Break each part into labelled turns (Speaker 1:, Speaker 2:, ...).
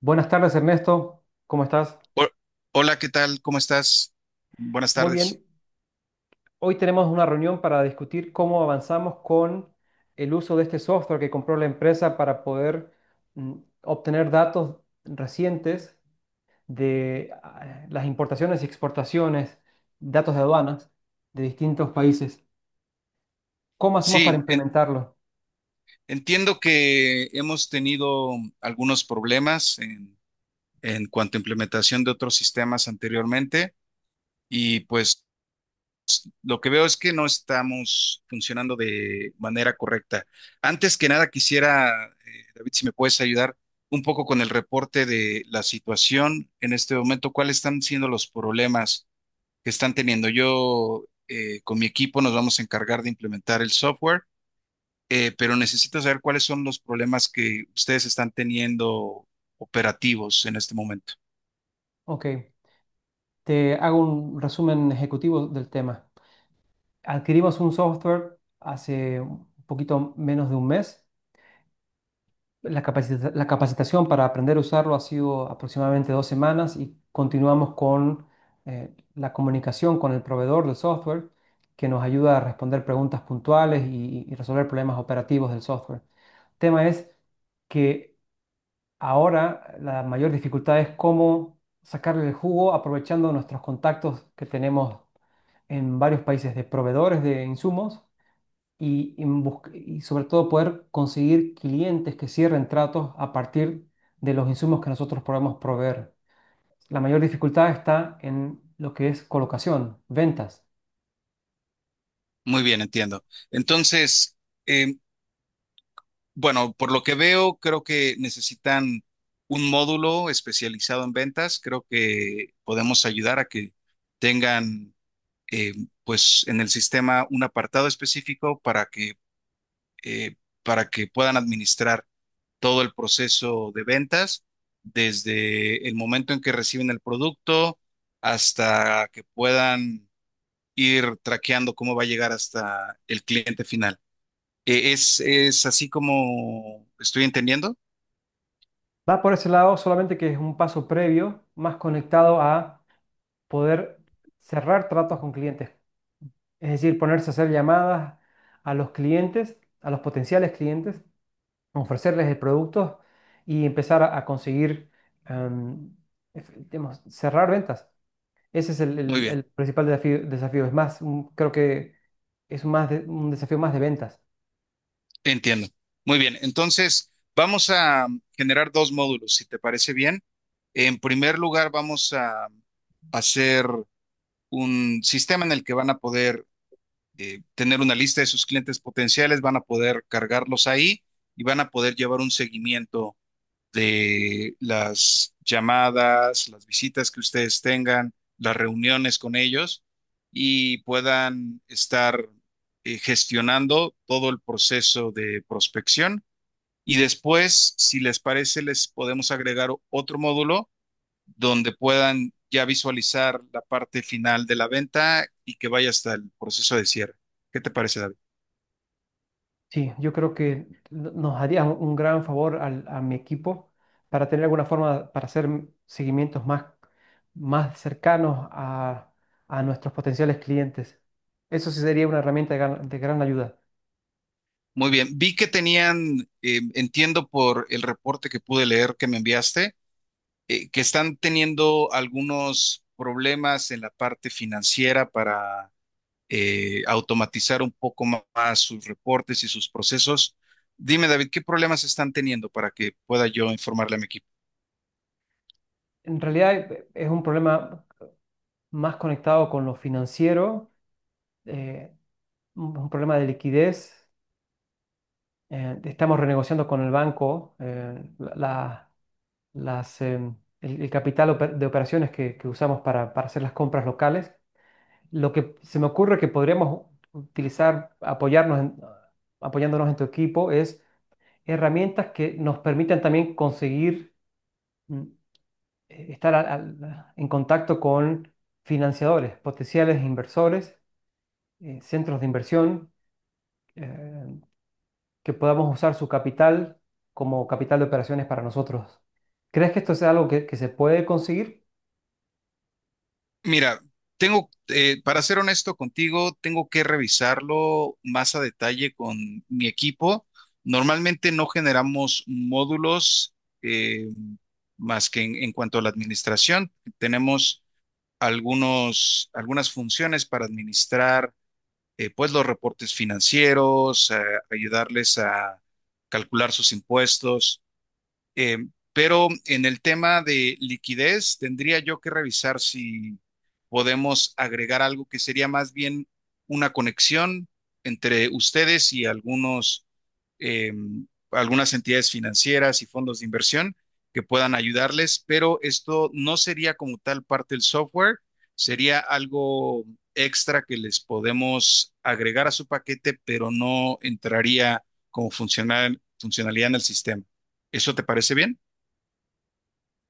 Speaker 1: Buenas tardes, Ernesto. ¿Cómo estás?
Speaker 2: Ho- Hola, ¿qué tal? ¿Cómo estás? Buenas
Speaker 1: Muy
Speaker 2: tardes.
Speaker 1: bien. Hoy tenemos una reunión para discutir cómo avanzamos con el uso de este software que compró la empresa para poder mm, obtener datos recientes de las importaciones y exportaciones, datos de aduanas de distintos países. ¿Cómo hacemos para
Speaker 2: Sí, en-
Speaker 1: implementarlo?
Speaker 2: entiendo que hemos tenido algunos problemas en cuanto a implementación de otros sistemas anteriormente y pues lo que veo es que no estamos funcionando de manera correcta. Antes que nada, quisiera, David, si me puedes ayudar un poco con el reporte de la situación en este momento, cuáles están siendo los problemas que están teniendo. Yo con mi equipo nos vamos a encargar de implementar el software, pero necesito saber cuáles son los problemas que ustedes están teniendo operativos en este momento.
Speaker 1: Ok, te hago un resumen ejecutivo del tema. Adquirimos un software hace un poquito menos de un mes. La capacitación para aprender a usarlo ha sido aproximadamente dos semanas y continuamos con la comunicación con el proveedor del software que nos ayuda a responder preguntas puntuales y resolver problemas operativos del software. El tema es que ahora la mayor dificultad es cómo sacarle el jugo aprovechando nuestros contactos que tenemos en varios países de proveedores de insumos y sobre todo poder conseguir clientes que cierren tratos a partir de los insumos que nosotros podemos proveer. La mayor dificultad está en lo que es colocación, ventas.
Speaker 2: Muy bien, entiendo. Entonces, eh, bueno, por lo que veo, creo que necesitan un módulo especializado en ventas. Creo que podemos ayudar a que tengan, eh, pues, en el sistema un apartado específico eh, para que puedan administrar todo el proceso de ventas, desde el momento en que reciben el producto hasta que puedan ir traqueando cómo va a llegar hasta el cliente final. Es así como estoy entendiendo?
Speaker 1: Va por ese lado, solamente que es un paso previo, más conectado a poder cerrar tratos con clientes. Es decir, ponerse a hacer llamadas a los clientes, a los potenciales clientes, ofrecerles el producto y empezar a conseguir, em, digamos, cerrar ventas. Ese es el,
Speaker 2: Muy
Speaker 1: el-
Speaker 2: bien,
Speaker 1: el principal desafío, desafío. Es más, creo que es más de un desafío más de ventas.
Speaker 2: entiendo. Muy bien, entonces vamos a generar dos módulos, si te parece bien. En primer lugar, vamos a hacer un sistema en el que van a poder tener una lista de sus clientes potenciales, van a poder cargarlos ahí y van a poder llevar un seguimiento de las llamadas, las visitas que ustedes tengan, las reuniones con ellos y puedan estar gestionando todo el proceso de prospección. Y después, si les parece, les podemos agregar otro módulo donde puedan ya visualizar la parte final de la venta y que vaya hasta el proceso de cierre. ¿Qué te parece, David?
Speaker 1: Sí, yo creo que nos haría un gran favor a mi equipo para tener alguna forma para hacer seguimientos más, más cercanos a nuestros potenciales clientes. Eso sí sería una herramienta de gran ayuda.
Speaker 2: Muy bien, vi que tenían, entiendo por el reporte que pude leer que me enviaste, que están teniendo algunos problemas en la parte financiera para automatizar un poco más sus reportes y sus procesos. Dime, David, ¿qué problemas están teniendo para que pueda yo informarle a mi equipo?
Speaker 1: En realidad es un problema más conectado con lo financiero, eh, un problema de liquidez. Estamos renegociando con el banco, las, el capital de operaciones que usamos para hacer las compras locales. Lo que se me ocurre que podríamos utilizar, apoyándonos en tu equipo, es herramientas que nos permitan también conseguir mm, estar en contacto con financiadores, potenciales inversores, centros de inversión. eh, que podamos usar su capital como capital de operaciones para nosotros. ¿Crees que esto sea algo que se puede conseguir?
Speaker 2: Mira, tengo, para ser honesto contigo, tengo que revisarlo más a detalle con mi equipo. Normalmente no generamos módulos eh, más que en cuanto a la administración. Tenemos algunas funciones para administrar, pues los reportes financieros, ayudarles a calcular sus impuestos eh, pero en el tema de liquidez, tendría yo que revisar si podemos agregar algo que sería más bien una conexión entre ustedes y algunos, eh, algunas entidades financieras y fondos de inversión que puedan ayudarles, pero esto no sería como tal parte del software, sería algo extra que les podemos agregar a su paquete, pero no entraría como funcionalidad en el sistema. ¿Eso te parece bien?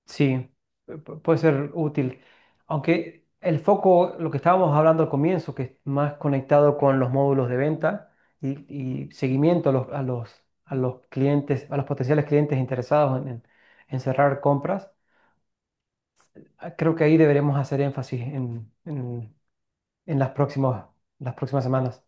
Speaker 1: Sí, puede ser útil. Aunque el foco, lo que estábamos hablando al comienzo, que es más conectado con los módulos de venta y, y seguimiento a los, a los, a los clientes, a los potenciales clientes interesados en, en cerrar compras, ah, creo que ahí deberemos hacer énfasis en, en las próximas semanas.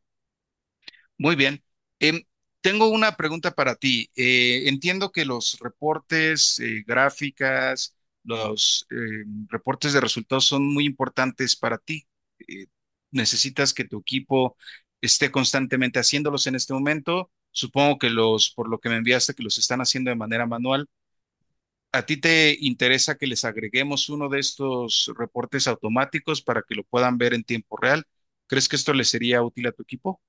Speaker 2: Muy bien. Em, tengo una pregunta para ti. Entiendo que los reportes, gráficas, los reportes de resultados son muy importantes para ti. Eh, necesitas que tu equipo esté constantemente haciéndolos en este momento. Supongo que los, por lo que me enviaste, que los están haciendo de manera manual. ¿A ti te interesa que les agreguemos uno de estos reportes automáticos para que lo puedan ver en tiempo real? ¿Crees que esto le sería útil a tu equipo?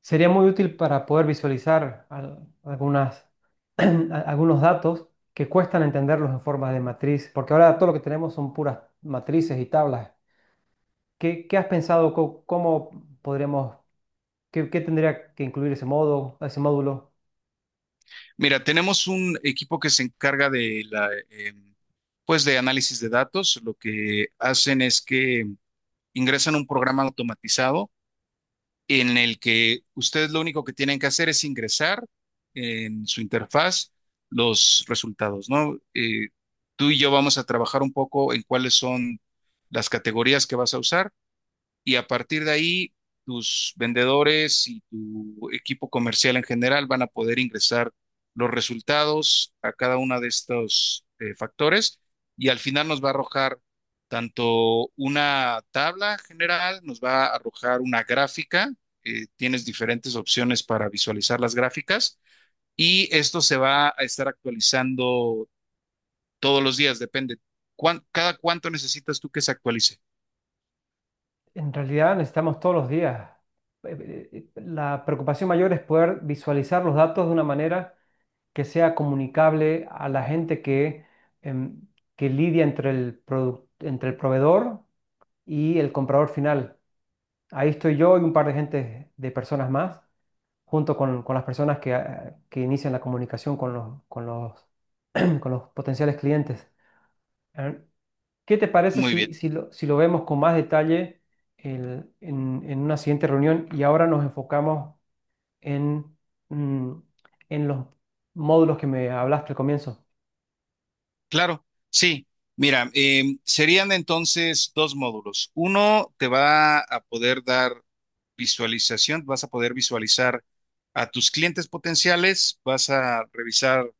Speaker 1: Sería muy útil para poder visualizar algunas, algunos datos que cuestan entenderlos en forma de matriz, porque ahora todo lo que tenemos son puras matrices y tablas. Qué has pensado? ¿Cómo, podríamos, qué tendría que incluir ese modo, ese módulo?
Speaker 2: Mira, tenemos un equipo que se encarga de la, pues de análisis de datos. Lo que hacen es que ingresan un programa automatizado en el que ustedes lo único que tienen que hacer es ingresar en su interfaz los resultados, ¿no? Tú y yo vamos a trabajar un poco en cuáles son las categorías que vas a usar y a partir de ahí tus vendedores y tu equipo comercial en general van a poder ingresar los resultados a cada uno de estos factores y al final nos va a arrojar tanto una tabla general, nos va a arrojar una gráfica, tienes diferentes opciones para visualizar las gráficas y esto se va a estar actualizando todos los días, depende. Cada cuánto necesitas tú que se actualice?
Speaker 1: En realidad necesitamos todos los días. La preocupación mayor es poder visualizar los datos de una manera que sea comunicable a la gente em, que lidia entre entre el proveedor y el comprador final. Ahí estoy yo y un par de gente, de personas más, junto con las personas que, ah, que inician la comunicación con los, con los potenciales clientes. Ah, ¿qué te parece
Speaker 2: Muy
Speaker 1: si,
Speaker 2: bien.
Speaker 1: si lo vemos con más detalle en una siguiente reunión y ahora nos enfocamos en, mm, en los módulos que me hablaste al comienzo?
Speaker 2: Claro, sí. Mira, serían entonces dos módulos. Uno te va a poder dar visualización, vas a poder visualizar a tus clientes potenciales, vas a revisar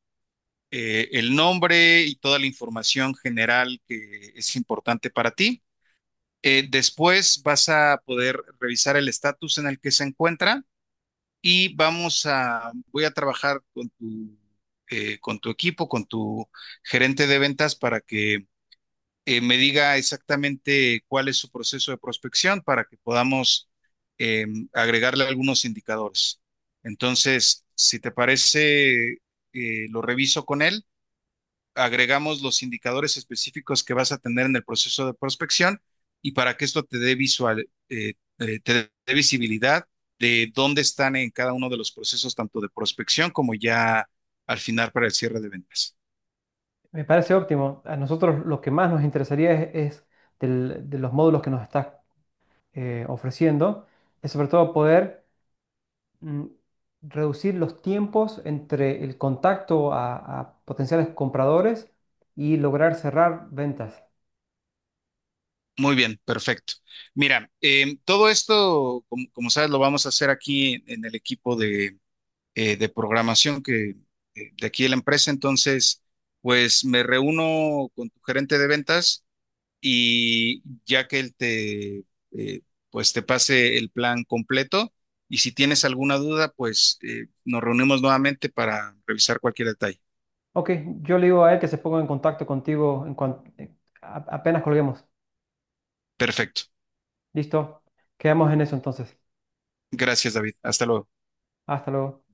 Speaker 2: el nombre y toda la información general que es importante para ti. Después vas a poder revisar el estatus en el que se encuentra y voy a trabajar con tu equipo, con tu gerente de ventas para que me diga exactamente cuál es su proceso de prospección para que podamos eh, agregarle algunos indicadores. Entonces, si te parece, lo reviso con él, agregamos los indicadores específicos que vas a tener en el proceso de prospección y para que esto te dé visual, te dé visibilidad de dónde están en cada uno de los procesos, tanto de prospección como ya al final para el cierre de ventas.
Speaker 1: Me parece óptimo. A nosotros lo que más nos interesaría es de los módulos que nos estás ofreciendo, es sobre todo poder mm, reducir los tiempos entre el contacto a potenciales compradores y lograr cerrar ventas.
Speaker 2: Muy bien, perfecto. Mira, todo esto, como sabes, lo vamos a hacer aquí en el equipo de programación que, de aquí de la empresa. Entonces, pues me reúno con tu gerente de ventas y ya que él te, eh, pues te pase el plan completo y si tienes alguna duda, pues nos reunimos nuevamente para revisar cualquier detalle.
Speaker 1: Ok, yo le digo a él que se ponga en contacto contigo en apenas colguemos.
Speaker 2: Perfecto.
Speaker 1: Listo, quedamos en eso entonces.
Speaker 2: Gracias, David. Hasta luego.
Speaker 1: Hasta luego.